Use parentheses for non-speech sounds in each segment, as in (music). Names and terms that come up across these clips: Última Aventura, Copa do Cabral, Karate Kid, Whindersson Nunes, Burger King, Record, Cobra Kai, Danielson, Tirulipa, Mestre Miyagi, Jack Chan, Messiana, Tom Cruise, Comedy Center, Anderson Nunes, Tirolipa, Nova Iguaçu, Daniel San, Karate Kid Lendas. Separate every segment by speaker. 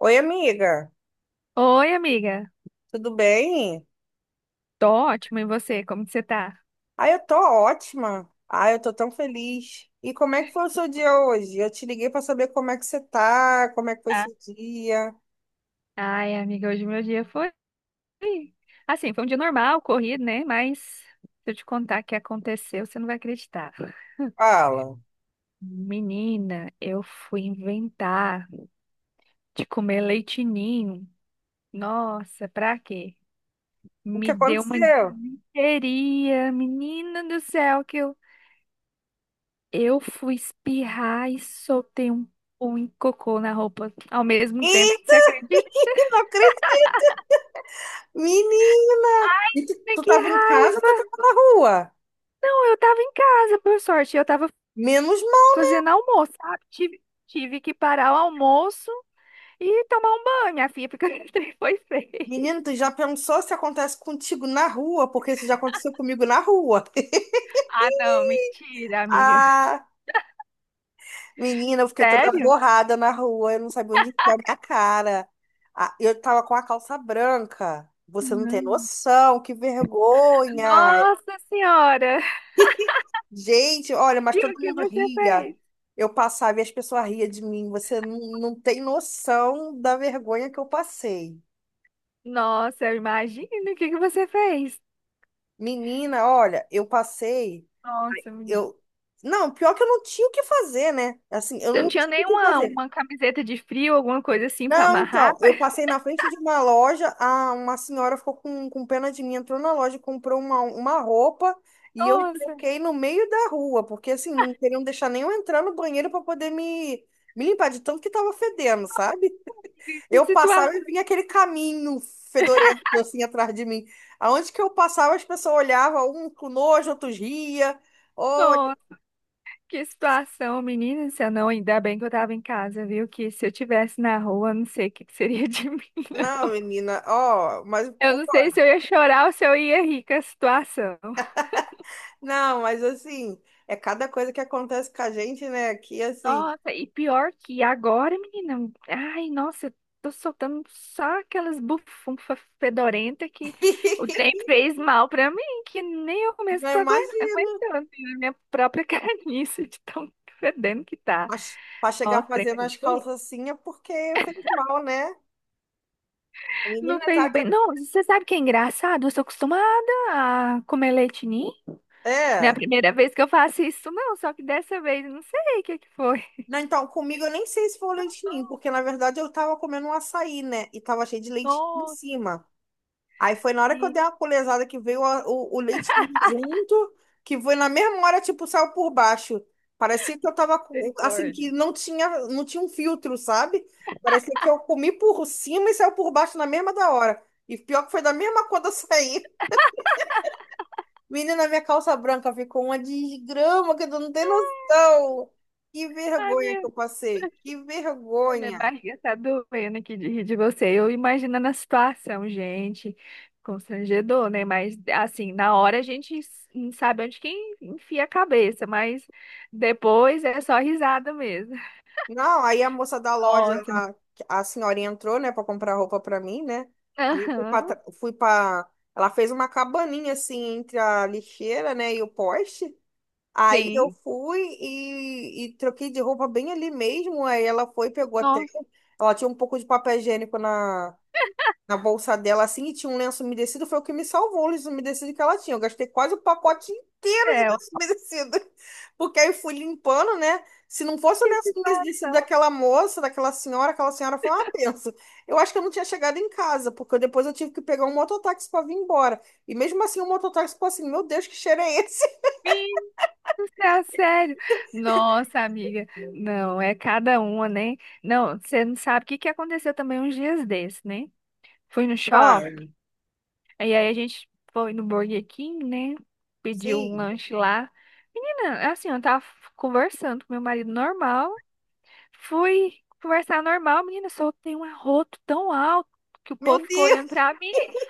Speaker 1: Oi, amiga,
Speaker 2: Oi, amiga.
Speaker 1: tudo bem?
Speaker 2: Tô ótima. E você? Como que você tá?
Speaker 1: Ah, eu tô ótima. Ah, eu tô tão feliz. E como é que foi o seu dia hoje? Eu te liguei pra saber como é que você tá, como é que foi
Speaker 2: Ah,
Speaker 1: seu dia.
Speaker 2: Ai, amiga, hoje meu dia foi. Um dia normal, corrido, né? Mas se eu te contar o que aconteceu, você não vai acreditar.
Speaker 1: Fala,
Speaker 2: Menina, eu fui inventar de comer leite ninho. Nossa, pra quê?
Speaker 1: o que
Speaker 2: Me deu uma
Speaker 1: aconteceu?
Speaker 2: disenteria, menina do céu, eu fui espirrar e um cocô na roupa ao mesmo tempo. Você
Speaker 1: Eita,
Speaker 2: acredita?
Speaker 1: (laughs) não acredito! Menina! E tu
Speaker 2: Que
Speaker 1: tava em casa ou tu tava na rua?
Speaker 2: Não, eu tava em casa, por sorte. Eu tava
Speaker 1: Menos mal.
Speaker 2: fazendo almoço, sabe? Tive que parar o almoço e tomar um banho, minha filha, porque (laughs) o trem foi feio.
Speaker 1: Menino, tu já pensou se acontece contigo na rua? Porque isso já aconteceu comigo na rua. (laughs)
Speaker 2: Ah, não, mentira, amiga.
Speaker 1: Ah! Menina, eu fiquei toda
Speaker 2: Sério?
Speaker 1: borrada na rua, eu não sabia onde enfiar minha cara. Ah, eu tava com a calça branca. Você não tem
Speaker 2: Não.
Speaker 1: noção, que vergonha.
Speaker 2: Nossa Senhora!
Speaker 1: (laughs) Gente, olha, mas
Speaker 2: E o
Speaker 1: todo
Speaker 2: que
Speaker 1: mundo
Speaker 2: você
Speaker 1: ria.
Speaker 2: fez?
Speaker 1: Eu passava e as pessoas riam de mim. Você não tem noção da vergonha que eu passei.
Speaker 2: Nossa, eu imagino o que que você fez.
Speaker 1: Menina, olha, eu passei.
Speaker 2: Nossa, menina.
Speaker 1: Eu... Não, pior que eu não tinha o que fazer, né? Assim, eu
Speaker 2: Você não
Speaker 1: não
Speaker 2: tinha
Speaker 1: tinha o que
Speaker 2: nenhuma
Speaker 1: fazer.
Speaker 2: uma camiseta de frio, alguma coisa assim pra
Speaker 1: Não,
Speaker 2: amarrar?
Speaker 1: então, eu
Speaker 2: (laughs)
Speaker 1: passei na frente de uma loja, a, uma senhora ficou com pena de mim, entrou na loja, e comprou uma roupa e eu
Speaker 2: Nossa,
Speaker 1: troquei no meio da rua, porque assim, não queriam deixar nem eu entrar no banheiro para poder me, me limpar de tanto que tava fedendo, sabe?
Speaker 2: que
Speaker 1: Eu
Speaker 2: situação!
Speaker 1: passava e vinha aquele caminho fedorento assim atrás de mim. Aonde que eu passava, as pessoas olhavam, um com nojo, outros ria. Olha,
Speaker 2: Que situação, menina, se eu não, ainda bem que eu tava em casa, viu? Que se eu tivesse na rua, eu não sei o que que seria de (laughs) mim.
Speaker 1: não, menina, ó, mas
Speaker 2: Eu
Speaker 1: pô,
Speaker 2: não sei se eu ia chorar ou se eu ia rir com a situação.
Speaker 1: não, mas assim, é cada coisa que acontece com a gente, né? Aqui, assim,
Speaker 2: Nossa, e pior que agora, menina, ai, nossa, eu tô soltando só aquelas bufunfas fedorentas que o trem
Speaker 1: (laughs)
Speaker 2: fez mal pra mim, que nem eu mesmo
Speaker 1: não
Speaker 2: tô
Speaker 1: imagino.
Speaker 2: aguentando, né? Minha própria (laughs) carniça de tão fedendo que tá.
Speaker 1: Mas pra chegar
Speaker 2: Nossa, trem
Speaker 1: fazendo as
Speaker 2: feio.
Speaker 1: calças assim é porque fez mal, né? A
Speaker 2: Não
Speaker 1: menina
Speaker 2: fez
Speaker 1: tá.
Speaker 2: bem. Não, você sabe que é engraçado? Eu sou acostumada a comer leite ninho. Não é a
Speaker 1: É.
Speaker 2: primeira vez que eu faço isso, não. Só que dessa vez, eu não sei o que que foi.
Speaker 1: Não, então, comigo eu nem sei se foi o leite ninho, porque na verdade eu tava comendo um açaí, né? E tava cheio de leite em
Speaker 2: Nossa,
Speaker 1: cima. Aí foi na hora que eu dei uma colesada que veio o leite ninho junto, que foi na mesma hora, tipo, saiu por baixo. Parecia que eu tava, assim,
Speaker 2: misericórdia.
Speaker 1: que não tinha um filtro, sabe? Parecia que eu comi por cima e saiu por baixo na mesma da hora. E pior que foi da mesma quando eu saí. (laughs) Menina, minha calça branca ficou uma desgrama que tu não tem noção. Que
Speaker 2: Ai,
Speaker 1: vergonha
Speaker 2: minha,
Speaker 1: que eu passei. Que
Speaker 2: minha
Speaker 1: vergonha.
Speaker 2: barriga tá doendo aqui de rir de você. Eu imaginando a situação, gente. Constrangedor, né? Mas, assim, na hora a gente não sabe onde que enfia a cabeça, mas depois é só risada mesmo.
Speaker 1: Não, aí a moça da loja
Speaker 2: Nossa.
Speaker 1: lá, a senhorinha entrou, né, pra comprar roupa pra mim, né? Aí fui pra,
Speaker 2: Aham,
Speaker 1: fui pra. Ela fez uma cabaninha assim entre a lixeira, né, e o poste. Aí eu
Speaker 2: sim.
Speaker 1: fui e troquei de roupa bem ali mesmo. Aí ela foi, pegou até.
Speaker 2: Nossa.
Speaker 1: Ela tinha um pouco de papel higiênico na, na bolsa dela assim e tinha um lenço umedecido, foi o que me salvou o lenço umedecido que ela tinha. Eu gastei quase o pacote inteiro
Speaker 2: é,
Speaker 1: de lenço umedecido. (laughs) Porque aí fui limpando, né? Se não fosse o
Speaker 2: Que
Speaker 1: lenço umedecido
Speaker 2: situação
Speaker 1: daquela moça, daquela senhora, aquela senhora foi uma benção. Eu acho que eu não tinha chegado em casa, porque depois eu tive que pegar um mototáxi para vir embora. E mesmo assim o mototáxi ficou assim, meu Deus, que cheiro é esse?
Speaker 2: fixa, sério. Nossa, amiga, não, é cada uma, né? Não, você não sabe o que que aconteceu também uns dias desses, né? Fui no
Speaker 1: (laughs) Cara,
Speaker 2: shopping, e aí a gente foi no Burger King, né? Pediu um
Speaker 1: sim.
Speaker 2: lanche lá. Menina, assim, eu tava conversando com meu marido normal, fui conversar normal, menina, soltei um arroto tão alto que o
Speaker 1: Meu
Speaker 2: povo ficou
Speaker 1: Deus,
Speaker 2: olhando pra mim.
Speaker 1: (laughs)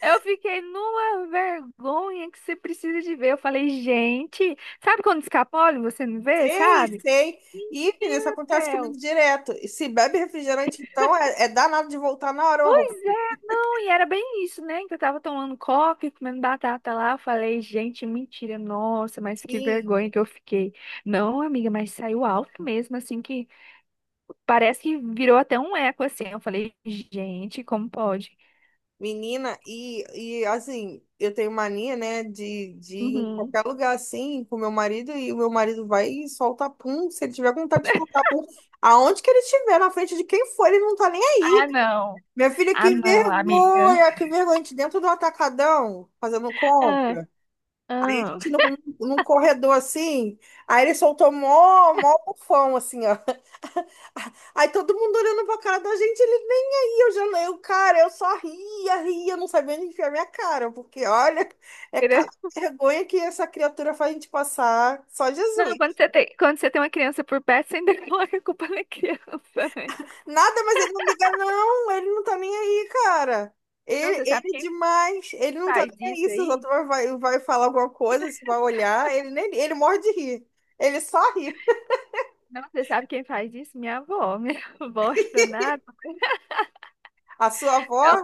Speaker 2: Eu fiquei numa vergonha que você precisa de ver. Eu falei, gente, sabe quando escapole e você não vê,
Speaker 1: sei,
Speaker 2: sabe?
Speaker 1: sei. E, menina, isso
Speaker 2: Meu
Speaker 1: acontece comigo
Speaker 2: Theo.
Speaker 1: direto. E se bebe refrigerante, então é, é danado de voltar na hora o arroz.
Speaker 2: Pois é, não, e era bem isso, né? Que eu tava tomando coca e comendo batata lá. Eu falei, gente, mentira, nossa, mas que
Speaker 1: Sim,
Speaker 2: vergonha que eu fiquei. Não, amiga, mas saiu alto mesmo, assim, que parece que virou até um eco, assim. Eu falei, gente, como pode?
Speaker 1: menina, e assim, eu tenho mania, né, de ir em
Speaker 2: Uhum.
Speaker 1: qualquer lugar assim com meu marido e o meu marido vai e solta pum, se ele tiver com vontade de soltar pum, aonde que ele estiver, na frente de quem for, ele não tá nem aí.
Speaker 2: Ah, não.
Speaker 1: Minha filha,
Speaker 2: Ah, não, amiga.
Speaker 1: que vergonha, a gente dentro do atacadão, fazendo
Speaker 2: Ah,
Speaker 1: compra. Aí a
Speaker 2: ah.
Speaker 1: gente no, num corredor assim, aí ele soltou mó, mó bufão assim, ó. Aí todo mundo olhando pra cara da gente, ele nem aí, eu já eu, cara, eu só ria, ria, não sabia onde enfiar minha cara, porque olha, é cara
Speaker 2: (laughs)
Speaker 1: de vergonha que essa criatura faz a gente passar, só
Speaker 2: Não,
Speaker 1: Jesus.
Speaker 2: quando você tem uma criança por perto, você ainda (laughs) coloca a culpa na criança, né?
Speaker 1: Nada, mas ele não liga, não, ele não tá nem aí, cara.
Speaker 2: Não,
Speaker 1: Ele,
Speaker 2: você sabe
Speaker 1: ele
Speaker 2: quem
Speaker 1: demais, ele não tá
Speaker 2: faz
Speaker 1: nem
Speaker 2: isso
Speaker 1: aí, se os
Speaker 2: aí?
Speaker 1: outros vai, vai falar alguma coisa, se vai olhar, ele nem, ele morre de rir, ele só ri.
Speaker 2: Não, você sabe quem faz isso? Minha avó. (laughs) Minha avó é danada.
Speaker 1: A sua avó,
Speaker 2: Não,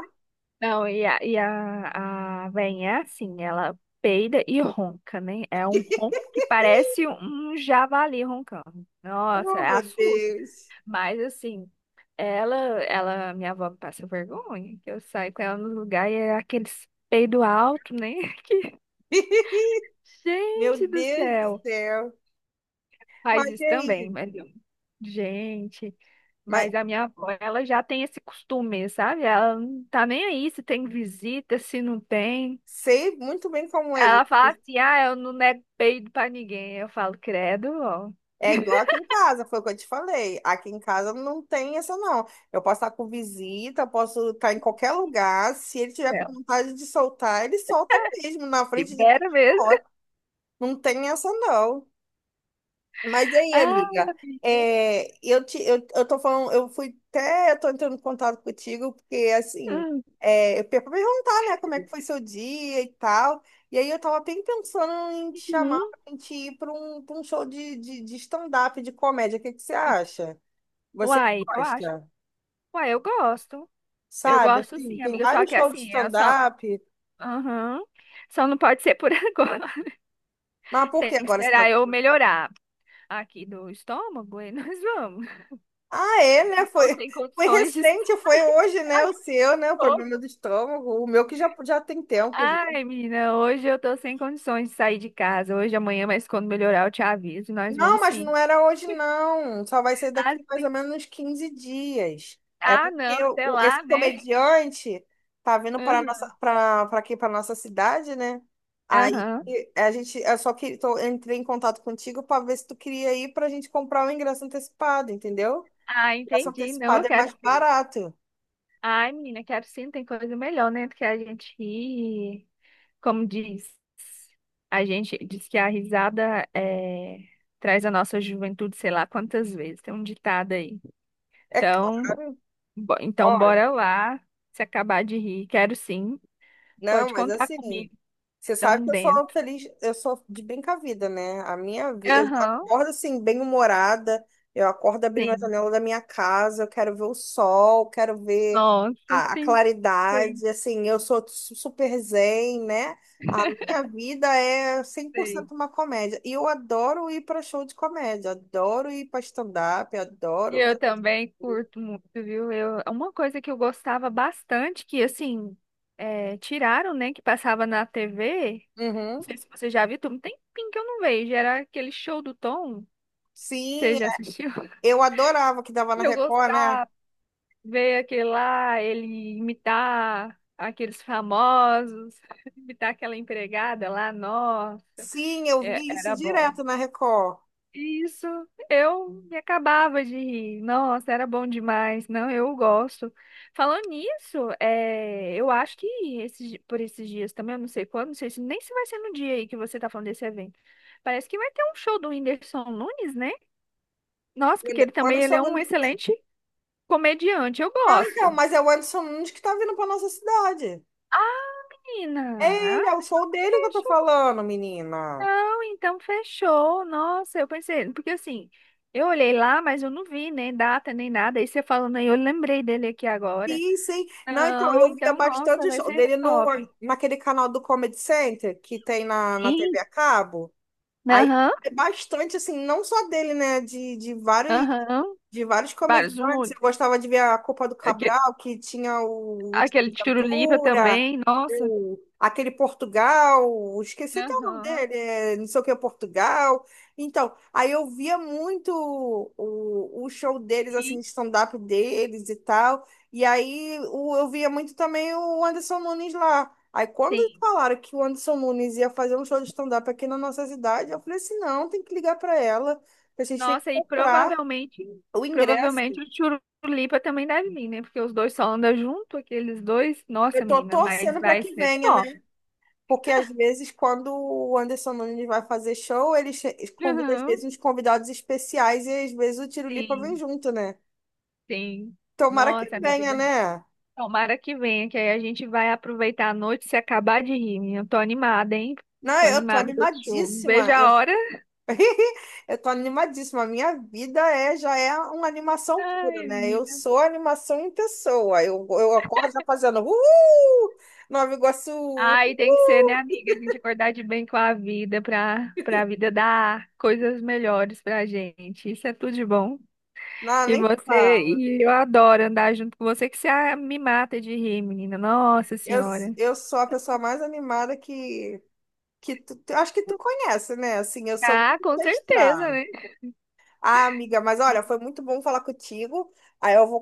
Speaker 2: não, a velhinha é assim, ela peida e ronca, né? É um ronco
Speaker 1: (laughs)
Speaker 2: que parece um javali roncando. Nossa,
Speaker 1: oh
Speaker 2: é
Speaker 1: meu
Speaker 2: assusta.
Speaker 1: Deus,
Speaker 2: Mas assim, ela, minha avó me passa vergonha, que eu saio com ela no lugar e é aqueles peido alto, né? (laughs)
Speaker 1: (laughs) meu
Speaker 2: Gente do
Speaker 1: Deus do
Speaker 2: céu!
Speaker 1: céu.
Speaker 2: Faz
Speaker 1: Mas e
Speaker 2: isso também,
Speaker 1: aí?
Speaker 2: gente.
Speaker 1: Mas
Speaker 2: Mas a minha avó, ela já tem esse costume, sabe? Ela não tá nem aí se tem visita, se não tem.
Speaker 1: sei muito bem como é.
Speaker 2: Ela
Speaker 1: Isso.
Speaker 2: fala assim: ah, eu não nego peido pra ninguém. Eu falo, credo, ó.
Speaker 1: É igual
Speaker 2: (laughs)
Speaker 1: aqui em casa, foi o que eu te falei. Aqui em casa não tem essa, não. Eu posso estar com visita, eu posso estar em qualquer lugar. Se ele tiver com
Speaker 2: É,
Speaker 1: vontade de soltar, ele solta mesmo, na frente de quem
Speaker 2: libera mesmo.
Speaker 1: for.
Speaker 2: (laughs)
Speaker 1: Não tem essa, não. Mas aí,
Speaker 2: Ah,
Speaker 1: amiga, é, eu te, eu tô falando, eu fui até, eu tô entrando em contato contigo, porque assim,
Speaker 2: hum,
Speaker 1: é, eu ia perguntar, né, como é que foi seu dia e tal. E aí eu tava bem pensando em te chamar
Speaker 2: hum.
Speaker 1: pra gente ir pra um show de stand-up, de comédia. O que que você acha? Você que
Speaker 2: Uai, eu acho.
Speaker 1: gosta,
Speaker 2: Uai, eu gosto. Eu
Speaker 1: sabe?
Speaker 2: gosto
Speaker 1: Assim,
Speaker 2: sim,
Speaker 1: tem
Speaker 2: amiga. Só
Speaker 1: vários
Speaker 2: que
Speaker 1: shows de
Speaker 2: assim, eu só.
Speaker 1: stand-up,
Speaker 2: Aham. Só não pode ser por (laughs) agora.
Speaker 1: mas por
Speaker 2: Tem
Speaker 1: que
Speaker 2: que
Speaker 1: agora você
Speaker 2: esperar
Speaker 1: tá.
Speaker 2: eu melhorar aqui do estômago e nós vamos.
Speaker 1: Ah, é, né?
Speaker 2: Tô
Speaker 1: Foi,
Speaker 2: sem
Speaker 1: foi
Speaker 2: condições de (laughs)
Speaker 1: recente, foi
Speaker 2: sair.
Speaker 1: hoje, né? O seu, né? O
Speaker 2: Tô.
Speaker 1: problema do estômago. O meu que já, já tem tempo,
Speaker 2: Ai, menina, hoje eu tô sem condições de sair de casa. Hoje, amanhã, mas quando melhorar, eu te aviso. Nós
Speaker 1: não,
Speaker 2: vamos
Speaker 1: mas
Speaker 2: sim.
Speaker 1: não era hoje, não. Só vai ser
Speaker 2: Ah,
Speaker 1: daqui mais ou
Speaker 2: sim.
Speaker 1: menos uns 15 dias. É
Speaker 2: Ah, não,
Speaker 1: porque
Speaker 2: até
Speaker 1: esse
Speaker 2: lá, né?
Speaker 1: comediante tá vindo para nossa,
Speaker 2: Aham.
Speaker 1: para aqui, para nossa cidade, né? Aí
Speaker 2: Aham.
Speaker 1: a gente, eu só que tô, entrei em contato contigo para ver se tu queria ir para a gente comprar o ingresso antecipado, entendeu?
Speaker 2: Ah,
Speaker 1: O ingresso
Speaker 2: entendi. Não, eu
Speaker 1: antecipado é
Speaker 2: quero
Speaker 1: mais
Speaker 2: sim.
Speaker 1: barato.
Speaker 2: Ai, menina, quero sim. Tem coisa melhor, né? Do que a gente rir. Como diz, a gente diz que a risada é, traz a nossa juventude, sei lá quantas vezes. Tem um ditado aí.
Speaker 1: É
Speaker 2: Então.
Speaker 1: claro.
Speaker 2: Então,
Speaker 1: Olha,
Speaker 2: bora lá. Se acabar de rir, quero sim.
Speaker 1: não,
Speaker 2: Pode
Speaker 1: mas
Speaker 2: contar
Speaker 1: assim.
Speaker 2: comigo.
Speaker 1: Você sabe
Speaker 2: Estamos
Speaker 1: que eu sou
Speaker 2: dentro.
Speaker 1: feliz, eu sou de bem com a vida, né? A minha vida, eu
Speaker 2: Aham,
Speaker 1: acordo assim, bem-humorada, eu acordo abrindo a
Speaker 2: sim.
Speaker 1: janela da minha casa, eu quero ver o sol, quero ver
Speaker 2: Nossa,
Speaker 1: a
Speaker 2: sim,
Speaker 1: claridade, assim, eu sou super zen, né? A minha vida é cem por
Speaker 2: sim.
Speaker 1: cento uma comédia. E eu adoro ir para show de comédia, adoro ir para stand-up,
Speaker 2: E
Speaker 1: adoro. Ver-
Speaker 2: eu também curto muito, viu? Eu, uma coisa que eu gostava bastante, que assim, é, tiraram, né? Que passava na TV. Não
Speaker 1: Uhum.
Speaker 2: sei se você já viu, tem um tempinho que eu não vejo. Era aquele show do Tom. Você
Speaker 1: Sim,
Speaker 2: já assistiu? (laughs)
Speaker 1: eu adorava que dava na
Speaker 2: Eu
Speaker 1: Record, né?
Speaker 2: gostava. Ver aquele lá, ele imitar aqueles famosos, (laughs) imitar aquela empregada lá, nossa,
Speaker 1: Sim, eu via isso
Speaker 2: era bom.
Speaker 1: direto na Record.
Speaker 2: Isso, eu me acabava de rir. Nossa, era bom demais. Não, eu gosto. Falando nisso, é, eu acho que esses, por esses dias também, eu não sei quando, não sei se nem se vai ser no dia aí que você tá falando desse evento. Parece que vai ter um show do Whindersson Nunes, né? Nossa, porque ele
Speaker 1: O
Speaker 2: também ele
Speaker 1: Anderson
Speaker 2: é um
Speaker 1: Nunes.
Speaker 2: excelente comediante. Eu
Speaker 1: Ah, então,
Speaker 2: gosto.
Speaker 1: mas é o Anderson Nunes que tá vindo pra nossa cidade. É
Speaker 2: Menina,
Speaker 1: ele, é o show dele que eu tô falando, menina.
Speaker 2: não, então fechou. Nossa, eu pensei, porque assim, eu olhei lá, mas eu não vi nem data, nem nada. Aí você falando aí, eu lembrei dele aqui agora.
Speaker 1: Sim, sim. Não, então,
Speaker 2: Não,
Speaker 1: eu via
Speaker 2: então, nossa,
Speaker 1: bastante
Speaker 2: vai
Speaker 1: show
Speaker 2: ser
Speaker 1: dele no,
Speaker 2: top.
Speaker 1: naquele canal do Comedy Center que tem na, na
Speaker 2: Sim,
Speaker 1: TV a cabo. Aí,
Speaker 2: aham,
Speaker 1: é bastante, assim, não só dele, né?
Speaker 2: aham.
Speaker 1: De vários
Speaker 2: Vários
Speaker 1: comediantes.
Speaker 2: humores.
Speaker 1: Eu gostava de ver a Copa do
Speaker 2: Aquele,
Speaker 1: Cabral, que tinha o Última
Speaker 2: aquele tirulipa
Speaker 1: Aventura,
Speaker 2: também, nossa.
Speaker 1: o, aquele Portugal, esqueci até o nome
Speaker 2: Aham,
Speaker 1: dele, é, não sei o que é Portugal. Então, aí eu via muito o show deles, assim,
Speaker 2: sim,
Speaker 1: de stand-up deles e tal. E aí eu via muito também o Anderson Nunes lá. Aí quando
Speaker 2: sim.
Speaker 1: falaram que o Anderson Nunes ia fazer um show de stand-up aqui na nossa cidade, eu falei assim, não, tem que ligar para ela, que a gente tem que
Speaker 2: Nossa, e
Speaker 1: comprar.
Speaker 2: provavelmente,
Speaker 1: O ingresso,
Speaker 2: provavelmente o tirulipa também deve vir, né? Porque os dois só andam junto, aqueles dois. Nossa,
Speaker 1: eu tô
Speaker 2: menina, mas
Speaker 1: torcendo para
Speaker 2: vai
Speaker 1: que
Speaker 2: ser
Speaker 1: venha, né?
Speaker 2: top.
Speaker 1: Porque às vezes, quando o Anderson Nunes vai fazer show, ele convida, às
Speaker 2: Aham.
Speaker 1: vezes, uns convidados especiais e às vezes o Tirolipa vem
Speaker 2: Sim.
Speaker 1: junto, né?
Speaker 2: Sim.
Speaker 1: Tomara que
Speaker 2: Nossa, amiga,
Speaker 1: venha, né?
Speaker 2: tomara que venha, que aí a gente vai aproveitar a noite e se acabar de rir, menina. Eu tô animada, hein?
Speaker 1: Não,
Speaker 2: Tô
Speaker 1: eu tô
Speaker 2: animada pra esse show. Não vejo
Speaker 1: animadíssima. Eu,
Speaker 2: a hora.
Speaker 1: (laughs) eu tô animadíssima. A minha vida é, já é uma animação pura,
Speaker 2: Ai,
Speaker 1: né? Eu
Speaker 2: menina.
Speaker 1: sou animação em pessoa. Eu acordo já fazendo uhul! Nova Iguaçu!
Speaker 2: Ai, tem que ser, né,
Speaker 1: Uhul!
Speaker 2: amiga? A gente acordar de bem com a vida pra vida dar coisas melhores pra gente. Isso é tudo de bom.
Speaker 1: Não,
Speaker 2: E
Speaker 1: nem
Speaker 2: você,
Speaker 1: fala.
Speaker 2: e eu adoro andar junto com você, que você ah, me mata de rir, menina. Nossa
Speaker 1: Eu,
Speaker 2: Senhora.
Speaker 1: eu sou a pessoa mais animada que tu, acho que tu conhece, né? Assim, eu sou
Speaker 2: Ah, com
Speaker 1: muito
Speaker 2: certeza,
Speaker 1: estrada.
Speaker 2: né?
Speaker 1: Ah, amiga, mas olha, foi muito bom falar contigo. Aí eu vou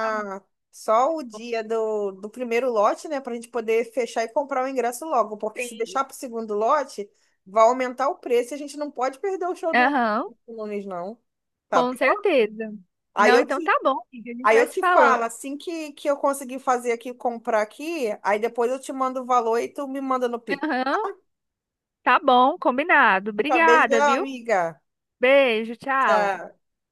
Speaker 2: Tá
Speaker 1: só o
Speaker 2: bom.
Speaker 1: dia do, do primeiro lote, né? Pra gente poder fechar e comprar o ingresso logo. Porque se
Speaker 2: Sim.
Speaker 1: deixar pro segundo lote, vai aumentar o preço e a gente não pode perder o show do
Speaker 2: Aham.
Speaker 1: do Nunes, não. Tá
Speaker 2: Com
Speaker 1: bom?
Speaker 2: certeza.
Speaker 1: Aí
Speaker 2: Não,
Speaker 1: eu
Speaker 2: então tá
Speaker 1: te
Speaker 2: bom, amiga. A gente
Speaker 1: Aí
Speaker 2: vai
Speaker 1: eu
Speaker 2: se
Speaker 1: te
Speaker 2: falando.
Speaker 1: falo, assim que eu conseguir fazer aqui, comprar aqui, aí depois eu te mando o valor e tu me manda no Pix.
Speaker 2: Aham, tá bom, combinado.
Speaker 1: Tá,
Speaker 2: Obrigada,
Speaker 1: beijão,
Speaker 2: viu?
Speaker 1: amiga.
Speaker 2: Beijo, tchau.
Speaker 1: Tchau.